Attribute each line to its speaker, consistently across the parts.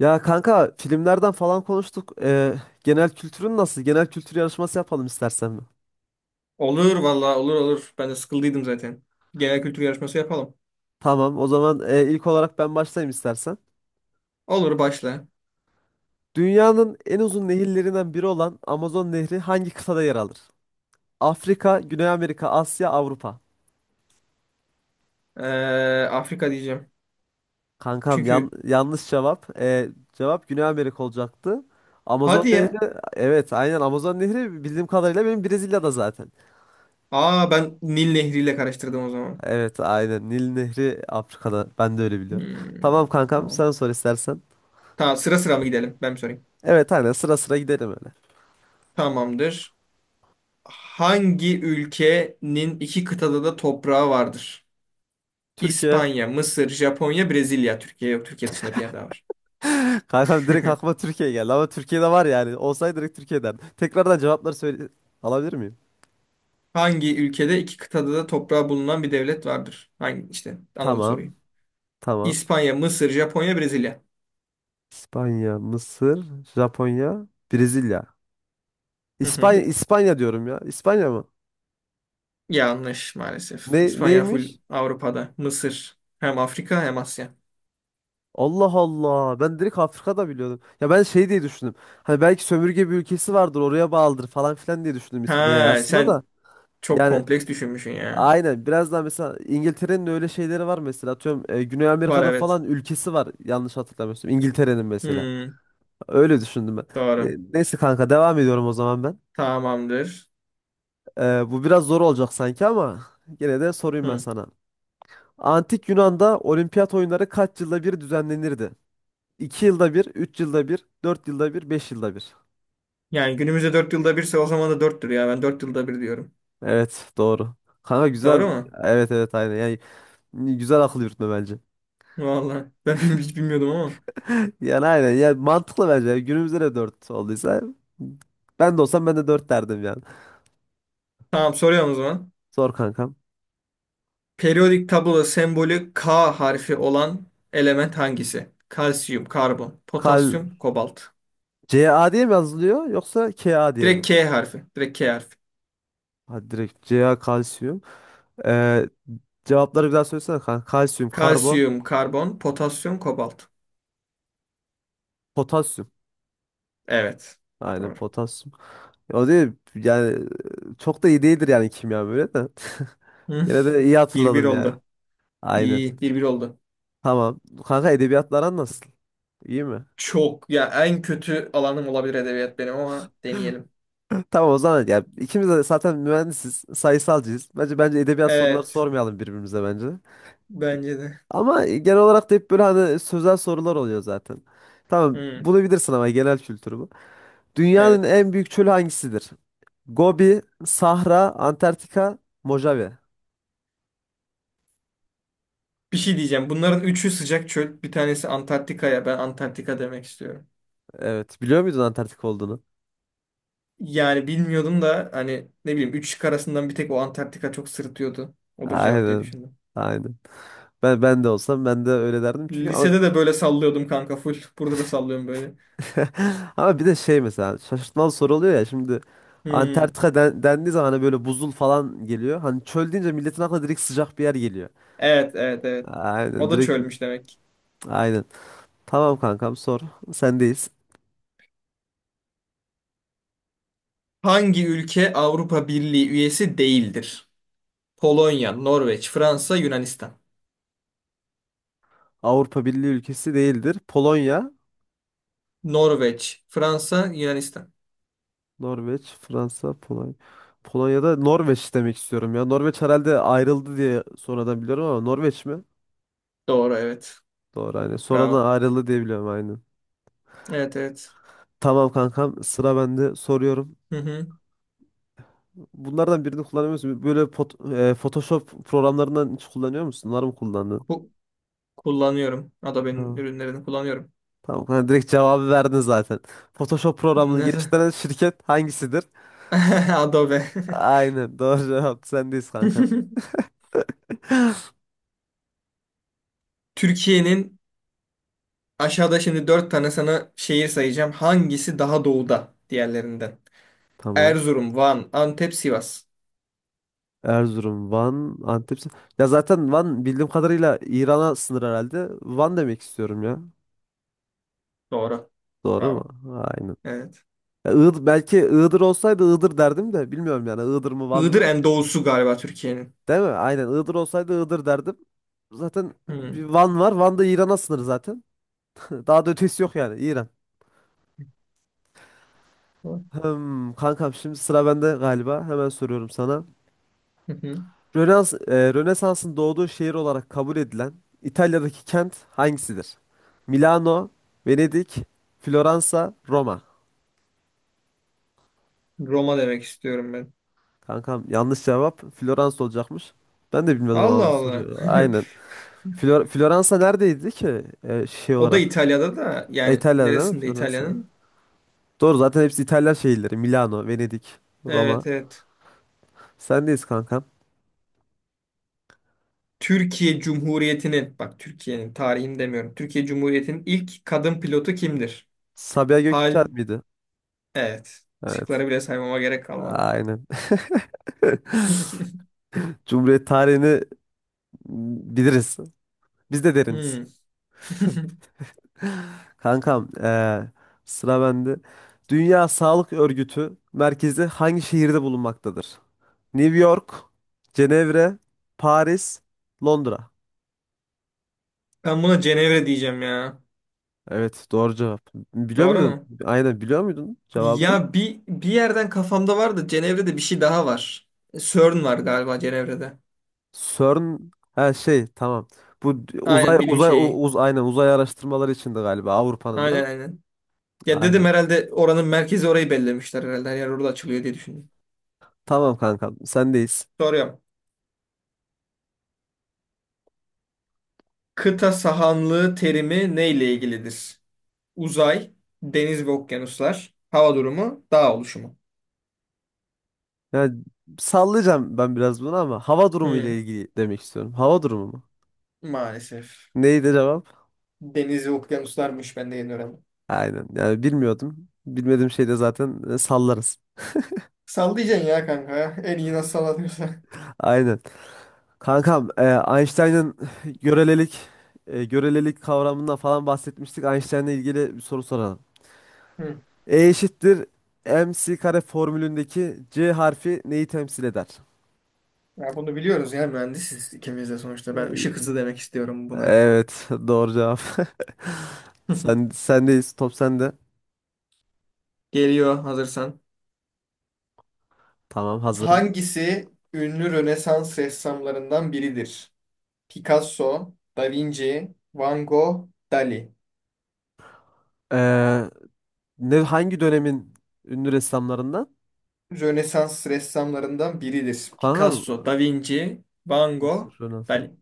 Speaker 1: Ya kanka filmlerden falan konuştuk. Genel kültürün nasıl? Genel kültür yarışması yapalım istersen mi?
Speaker 2: Olur valla olur olur. Ben de sıkıldıydım zaten. Genel kültür yarışması yapalım.
Speaker 1: Tamam, o zaman ilk olarak ben başlayayım istersen.
Speaker 2: Olur başla.
Speaker 1: Dünyanın en uzun nehirlerinden biri olan Amazon Nehri hangi kıtada yer alır? Afrika, Güney Amerika, Asya, Avrupa.
Speaker 2: Ee, Afrika diyeceğim.
Speaker 1: Kankam
Speaker 2: Çünkü
Speaker 1: yanlış cevap. Cevap Güney Amerika olacaktı. Amazon
Speaker 2: hadi ya.
Speaker 1: Nehri, evet aynen Amazon Nehri bildiğim kadarıyla benim Brezilya'da zaten.
Speaker 2: Aa ben Nil Nehri ile karıştırdım o zaman.
Speaker 1: Evet aynen Nil Nehri Afrika'da ben de öyle biliyorum. Tamam
Speaker 2: Hmm,
Speaker 1: kankam
Speaker 2: tamam.
Speaker 1: sen sor istersen.
Speaker 2: Tamam sıra sıra mı gidelim? Ben mi sorayım?
Speaker 1: Evet aynen sıra sıra gidelim öyle.
Speaker 2: Tamamdır. Hangi ülkenin iki kıtada da toprağı vardır?
Speaker 1: Türkiye.
Speaker 2: İspanya, Mısır, Japonya, Brezilya. Türkiye yok. Türkiye dışında bir yer daha var.
Speaker 1: Kankam direkt aklıma Türkiye geldi ama Türkiye'de var yani. Olsaydı direkt Türkiye'den. Tekrardan cevapları söyle alabilir miyim?
Speaker 2: Hangi ülkede iki kıtada da toprağı bulunan bir devlet vardır? Hangi işte anladım soruyu.
Speaker 1: Tamam. Tamam.
Speaker 2: İspanya, Mısır, Japonya, Brezilya.
Speaker 1: İspanya, Mısır, Japonya, Brezilya.
Speaker 2: Hı hı.
Speaker 1: İspanya diyorum ya. İspanya mı?
Speaker 2: Yanlış maalesef.
Speaker 1: Ne
Speaker 2: İspanya full
Speaker 1: neymiş?
Speaker 2: Avrupa'da. Mısır hem Afrika hem Asya.
Speaker 1: Allah Allah. Ben direkt Afrika'da biliyordum. Ya ben şey diye düşündüm. Hani belki sömürge bir ülkesi vardır, oraya bağlıdır falan filan diye düşündüm İspanya'yı
Speaker 2: Ha
Speaker 1: aslında da.
Speaker 2: sen çok
Speaker 1: Yani
Speaker 2: kompleks düşünmüşsün ya.
Speaker 1: Aynen biraz daha mesela İngiltere'nin öyle şeyleri var mesela atıyorum Güney
Speaker 2: Var
Speaker 1: Amerika'da
Speaker 2: evet.
Speaker 1: falan ülkesi var yanlış hatırlamıyorsam İngiltere'nin mesela
Speaker 2: Hmm,
Speaker 1: öyle düşündüm ben.
Speaker 2: doğru.
Speaker 1: Neyse kanka devam ediyorum o zaman ben.
Speaker 2: Tamamdır.
Speaker 1: Bu biraz zor olacak sanki ama gene de sorayım ben
Speaker 2: Hı.
Speaker 1: sana. Antik Yunan'da olimpiyat oyunları kaç yılda bir düzenlenirdi? 2 yılda bir, 3 yılda bir, 4 yılda bir, 5 yılda bir.
Speaker 2: Yani günümüzde dört yılda birse o zaman da 4'tür ya. Ben 4 yılda bir diyorum.
Speaker 1: Evet doğru. Kanka güzel.
Speaker 2: Doğru mu?
Speaker 1: Evet evet aynen. Yani güzel akıl yürütme bence.
Speaker 2: Vallahi ben hiç bilmiyordum ama.
Speaker 1: Yani aynen. Yani mantıklı bence. Yani günümüzde de 4 olduysa ben de olsam ben de 4 derdim yani.
Speaker 2: Tamam soruyorum o zaman.
Speaker 1: Zor kankam.
Speaker 2: Periyodik tabloda sembolü K harfi olan element hangisi? Kalsiyum, karbon,
Speaker 1: Kal
Speaker 2: potasyum, kobalt.
Speaker 1: CA diye mi yazılıyor yoksa KA diye mi?
Speaker 2: Direkt K harfi. Direkt K harfi.
Speaker 1: Hadi direkt CA kalsiyum. Ee, cevapları bir daha söylesene kanka. Kalsiyum, karbon,
Speaker 2: Kalsiyum, karbon, potasyum, kobalt.
Speaker 1: potasyum.
Speaker 2: Evet.
Speaker 1: Aynen
Speaker 2: Doğru.
Speaker 1: potasyum. O değil yani çok da iyi değildir yani kimya böyle de.
Speaker 2: Hı,
Speaker 1: Yine de iyi
Speaker 2: 1-1
Speaker 1: hatırladım yani.
Speaker 2: oldu.
Speaker 1: Aynen.
Speaker 2: İyi. 1-1 oldu.
Speaker 1: Tamam. Kanka edebiyatlar nasıl? İyi mi?
Speaker 2: Çok. Ya en kötü alanım olabilir edebiyat benim ama deneyelim.
Speaker 1: Tamam o zaman ya ikimiz de zaten mühendisiz, sayısalcıyız. Bence edebiyat soruları
Speaker 2: Evet.
Speaker 1: sormayalım birbirimize bence.
Speaker 2: Bence de.
Speaker 1: Ama genel olarak da hep böyle hani sözel sorular oluyor zaten. Tamam
Speaker 2: Hı,
Speaker 1: bunu bilirsin ama genel kültürü bu. Dünyanın
Speaker 2: evet.
Speaker 1: en büyük çölü hangisidir? Gobi, Sahra, Antarktika, Mojave.
Speaker 2: Bir şey diyeceğim. Bunların üçü sıcak çöl. Bir tanesi Antarktika'ya. Ben Antarktika demek istiyorum.
Speaker 1: Evet biliyor muydun Antarktika olduğunu?
Speaker 2: Yani bilmiyordum da hani ne bileyim üç şık arasından bir tek o Antarktika çok sırıtıyordu. Odur cevap diye
Speaker 1: Aynen.
Speaker 2: düşündüm.
Speaker 1: Aynen. Ben de olsam ben de öyle derdim çünkü ama
Speaker 2: Lisede de böyle sallıyordum kanka full. Burada da sallıyorum böyle.
Speaker 1: ama bir de şey mesela şaşırtmalı soru oluyor ya şimdi
Speaker 2: Hmm.
Speaker 1: Antarktika dendiği zaman hani böyle buzul falan geliyor. Hani çöl deyince milletin aklına direkt sıcak bir yer geliyor.
Speaker 2: Evet, evet, evet.
Speaker 1: Aynen
Speaker 2: O da
Speaker 1: direkt
Speaker 2: çölmüş demek.
Speaker 1: aynen. Tamam kankam sor. Sendeyiz.
Speaker 2: Hangi ülke Avrupa Birliği üyesi değildir? Polonya, Norveç, Fransa, Yunanistan.
Speaker 1: Avrupa Birliği ülkesi değildir. Polonya,
Speaker 2: Norveç, Fransa, Yunanistan.
Speaker 1: Norveç, Fransa, Polonya. Polonya'da Norveç demek istiyorum ya. Norveç herhalde ayrıldı diye sonradan biliyorum ama Norveç mi?
Speaker 2: Doğru, evet.
Speaker 1: Doğru aynen.
Speaker 2: Bravo.
Speaker 1: Sonradan ayrıldı diye biliyorum aynen.
Speaker 2: Evet, evet.
Speaker 1: Tamam kankam sıra bende soruyorum.
Speaker 2: Hı hı.
Speaker 1: Bunlardan birini kullanıyor musun? Böyle Photoshop programlarından hiç kullanıyor musun? Onları mı kullandın?
Speaker 2: Ku- kullanıyorum. Adobe'nin
Speaker 1: Ha,
Speaker 2: ürünlerini kullanıyorum.
Speaker 1: tamam. Ha, direkt cevabı verdin zaten. Photoshop programını
Speaker 2: Nasıl?
Speaker 1: geliştiren şirket hangisidir?
Speaker 2: Adobe.
Speaker 1: Aynen. Doğru cevap. Sendeyiz kankam.
Speaker 2: Türkiye'nin aşağıda şimdi dört tane sana şehir sayacağım. Hangisi daha doğuda diğerlerinden?
Speaker 1: Tamam.
Speaker 2: Erzurum, Van, Antep, Sivas.
Speaker 1: Erzurum, Van, Antep. Ya zaten Van bildiğim kadarıyla İran'a sınır herhalde. Van demek istiyorum ya.
Speaker 2: Doğru.
Speaker 1: Doğru mu?
Speaker 2: Bravo.
Speaker 1: Aynen.
Speaker 2: Evet.
Speaker 1: Ya Iğdır, belki Iğdır olsaydı Iğdır derdim de bilmiyorum yani Iğdır mı Van
Speaker 2: Iğdır
Speaker 1: mı?
Speaker 2: en doğusu galiba Türkiye'nin.
Speaker 1: Değil mi? Aynen Iğdır olsaydı Iğdır derdim. Zaten bir
Speaker 2: Hmm.
Speaker 1: Van var. Van da İran'a sınır zaten. Daha da ötesi yok yani İran.
Speaker 2: Hı
Speaker 1: Hmm, kankam şimdi sıra bende galiba. Hemen soruyorum sana.
Speaker 2: hı.
Speaker 1: Rönesans'ın doğduğu şehir olarak kabul edilen İtalya'daki kent hangisidir? Milano, Venedik, Floransa, Roma.
Speaker 2: Roma demek istiyorum ben.
Speaker 1: Kankam yanlış cevap. Floransa olacakmış. Ben de bilmiyordum
Speaker 2: Allah
Speaker 1: abi bu
Speaker 2: Allah.
Speaker 1: soruyu. Aynen. Floransa neredeydi ki şey
Speaker 2: O da
Speaker 1: olarak?
Speaker 2: İtalya'da da yani
Speaker 1: İtalya'da değil mi
Speaker 2: neresinde
Speaker 1: Floransa?
Speaker 2: İtalya'nın?
Speaker 1: Doğru zaten hepsi İtalyan şehirleri. Milano, Venedik, Roma.
Speaker 2: Evet evet.
Speaker 1: Sendeyiz kankam.
Speaker 2: Türkiye Cumhuriyeti'nin bak Türkiye'nin tarihini demiyorum. Türkiye Cumhuriyeti'nin ilk kadın pilotu kimdir?
Speaker 1: Sabiha Gökçen
Speaker 2: Hal
Speaker 1: miydi?
Speaker 2: evet.
Speaker 1: Evet.
Speaker 2: Şıkları bile saymama gerek kalmadı.
Speaker 1: Aynen. Cumhuriyet tarihini biliriz. Biz de deriniz.
Speaker 2: Hmm.
Speaker 1: Kankam, sıra bende. Dünya Sağlık Örgütü merkezi hangi şehirde bulunmaktadır? New York, Cenevre, Paris, Londra.
Speaker 2: Ben buna Cenevre diyeceğim ya.
Speaker 1: Evet, doğru cevap. Biliyor
Speaker 2: Doğru
Speaker 1: muydun?
Speaker 2: mu?
Speaker 1: Aynen biliyor muydun cevabını?
Speaker 2: Ya bir yerden kafamda var da Cenevre'de bir şey daha var. E, CERN var galiba Cenevre'de.
Speaker 1: CERN ha şey tamam. Bu d- uzay
Speaker 2: Aynen bilim
Speaker 1: uzay u-
Speaker 2: şeyi.
Speaker 1: uz aynen uzay araştırmaları içindi galiba Avrupa'nın değil
Speaker 2: Aynen
Speaker 1: mi?
Speaker 2: aynen. Ya dedim
Speaker 1: Aynen.
Speaker 2: herhalde oranın merkezi orayı bellemişler herhalde. Her yer orada açılıyor diye düşündüm.
Speaker 1: Tamam kanka sendeyiz.
Speaker 2: Soruyorum. Kıta sahanlığı terimi neyle ilgilidir? Uzay, deniz ve okyanuslar, hava durumu, dağ oluşumu.
Speaker 1: Ya sallayacağım ben biraz bunu ama hava durumu
Speaker 2: Hmm,
Speaker 1: ile ilgili demek istiyorum. Hava durumu mu?
Speaker 2: maalesef.
Speaker 1: Neydi cevap?
Speaker 2: Deniz ve okyanuslarmış ben de yeni öğrendim.
Speaker 1: Aynen. Yani bilmiyordum. Bilmediğim şeyde zaten sallarız.
Speaker 2: Sallayacaksın ya kanka. En iyi nasıl sallanıyorsa.
Speaker 1: Aynen. Kankam, Einstein'ın görelilik görelilik kavramından falan bahsetmiştik. Einstein'la ilgili bir soru soralım. E eşittir M c kare formülündeki c harfi neyi temsil eder?
Speaker 2: Ya bunu biliyoruz ya mühendisiz ikimiz de sonuçta. Ben ışık
Speaker 1: E,
Speaker 2: hızı demek istiyorum buna.
Speaker 1: Evet, doğru cevap. Sendeyiz, top sende.
Speaker 2: Geliyor hazırsan.
Speaker 1: Tamam, hazırım.
Speaker 2: Hangisi ünlü Rönesans ressamlarından biridir? Picasso, Da Vinci, Van Gogh, Dali.
Speaker 1: Ee, ne hangi dönemin ünlü ressamlarından?
Speaker 2: Rönesans ressamlarından biridir. Picasso,
Speaker 1: Kanka
Speaker 2: Da Vinci, Van
Speaker 1: nasıl
Speaker 2: Gogh,
Speaker 1: Rönesans?
Speaker 2: Dali.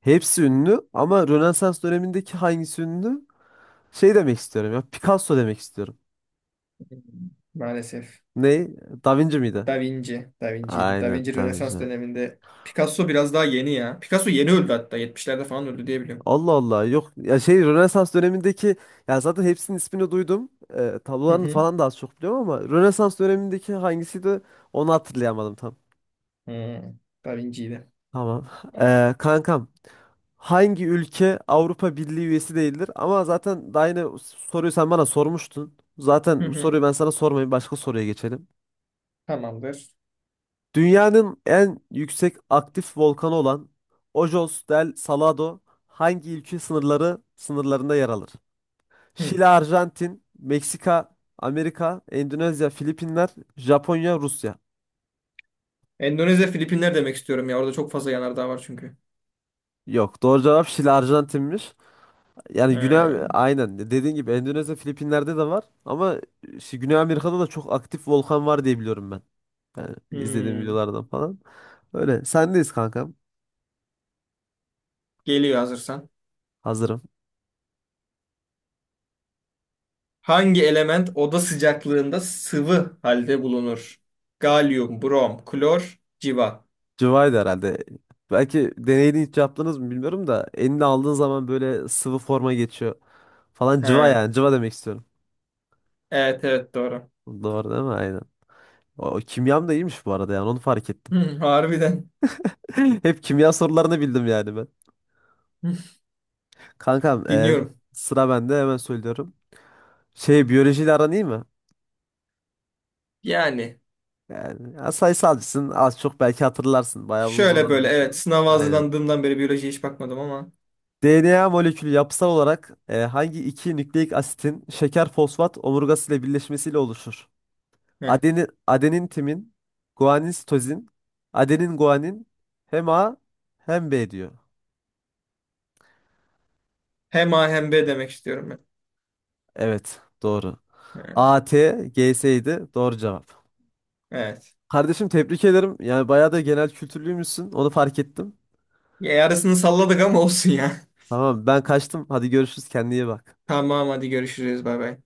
Speaker 1: Hepsi ünlü ama Rönesans dönemindeki hangisi ünlü? Şey demek istiyorum ya. Picasso demek istiyorum.
Speaker 2: Maalesef.
Speaker 1: Ne? Da Vinci miydi?
Speaker 2: Da Vinci. Da Vinci'ydi. Da
Speaker 1: Aynen
Speaker 2: Vinci
Speaker 1: Da
Speaker 2: Rönesans
Speaker 1: Vinci.
Speaker 2: döneminde. Picasso biraz daha yeni ya. Picasso yeni öldü hatta. Yetmişlerde falan öldü diye biliyorum.
Speaker 1: Allah Allah yok ya şey Rönesans dönemindeki ya zaten hepsinin ismini duydum.
Speaker 2: Hı
Speaker 1: Tablolarını
Speaker 2: hı.
Speaker 1: falan da az çok biliyorum ama Rönesans dönemindeki hangisiydi onu hatırlayamadım tam.
Speaker 2: Hı. Da Vinci'ydi.
Speaker 1: Tamam. Kankam hangi ülke Avrupa Birliği üyesi değildir? Ama zaten daha yine soruyu sen bana sormuştun.
Speaker 2: Hı
Speaker 1: Zaten bu
Speaker 2: hı.
Speaker 1: soruyu ben sana sormayayım başka soruya geçelim.
Speaker 2: Tamamdır.
Speaker 1: Dünyanın en yüksek aktif volkanı olan Ojos del Salado hangi ülke sınırlarında yer alır?
Speaker 2: Hı.
Speaker 1: Şili, Arjantin, Meksika, Amerika, Endonezya, Filipinler, Japonya, Rusya.
Speaker 2: Endonezya, Filipinler demek istiyorum ya. Orada çok fazla yanardağ var çünkü.
Speaker 1: Yok, doğru cevap Şili, Arjantin'miş. Yani Güney
Speaker 2: Ee,
Speaker 1: aynen dediğin gibi Endonezya, Filipinler'de de var ama işte Güney Amerika'da da çok aktif volkan var diye biliyorum ben. Yani izlediğim
Speaker 2: hmm.
Speaker 1: videolardan falan. Öyle. Sendeyiz kankam.
Speaker 2: Geliyor hazırsan.
Speaker 1: Hazırım.
Speaker 2: Hangi element oda sıcaklığında sıvı halde bulunur? Galyum, brom, klor, civa.
Speaker 1: Cıvaydı herhalde. Belki deneyini hiç yaptınız mı bilmiyorum da elini aldığın zaman böyle sıvı forma geçiyor falan cıva
Speaker 2: Ha.
Speaker 1: yani cıva demek istiyorum.
Speaker 2: Evet evet doğru.
Speaker 1: Doğru değil mi? Aynen. O, kimyam da iyiymiş bu arada yani onu fark ettim.
Speaker 2: Hı, harbiden.
Speaker 1: Hep kimya sorularını bildim yani ben.
Speaker 2: Hı.
Speaker 1: Kankam
Speaker 2: Dinliyorum.
Speaker 1: sıra bende hemen söylüyorum. Şey biyolojiyle aran iyi mi?
Speaker 2: Yani
Speaker 1: Yani ya sayısalcısın az çok belki hatırlarsın. Bayağı uzun
Speaker 2: şöyle
Speaker 1: zaman
Speaker 2: böyle evet
Speaker 1: olmuşsun.
Speaker 2: sınava
Speaker 1: Aynen.
Speaker 2: hazırlandığımdan beri biyolojiye hiç bakmadım ama.
Speaker 1: DNA molekülü yapısal olarak hangi iki nükleik asitin şeker fosfat omurgası ile birleşmesiyle oluşur?
Speaker 2: Heh.
Speaker 1: Adenin timin, guanin sitozin, adenin guanin hem A hem B diyor.
Speaker 2: Hem A hem B demek istiyorum ben.
Speaker 1: Evet doğru.
Speaker 2: Hı.
Speaker 1: A T AT, GS'ydi. Doğru cevap.
Speaker 2: Evet.
Speaker 1: Kardeşim tebrik ederim. Yani bayağı da genel kültürlüymüşsün. Onu fark ettim.
Speaker 2: Ya, yarısını salladık ama olsun ya.
Speaker 1: Tamam ben kaçtım. Hadi görüşürüz. Kendine iyi bak.
Speaker 2: Tamam hadi görüşürüz bay bay.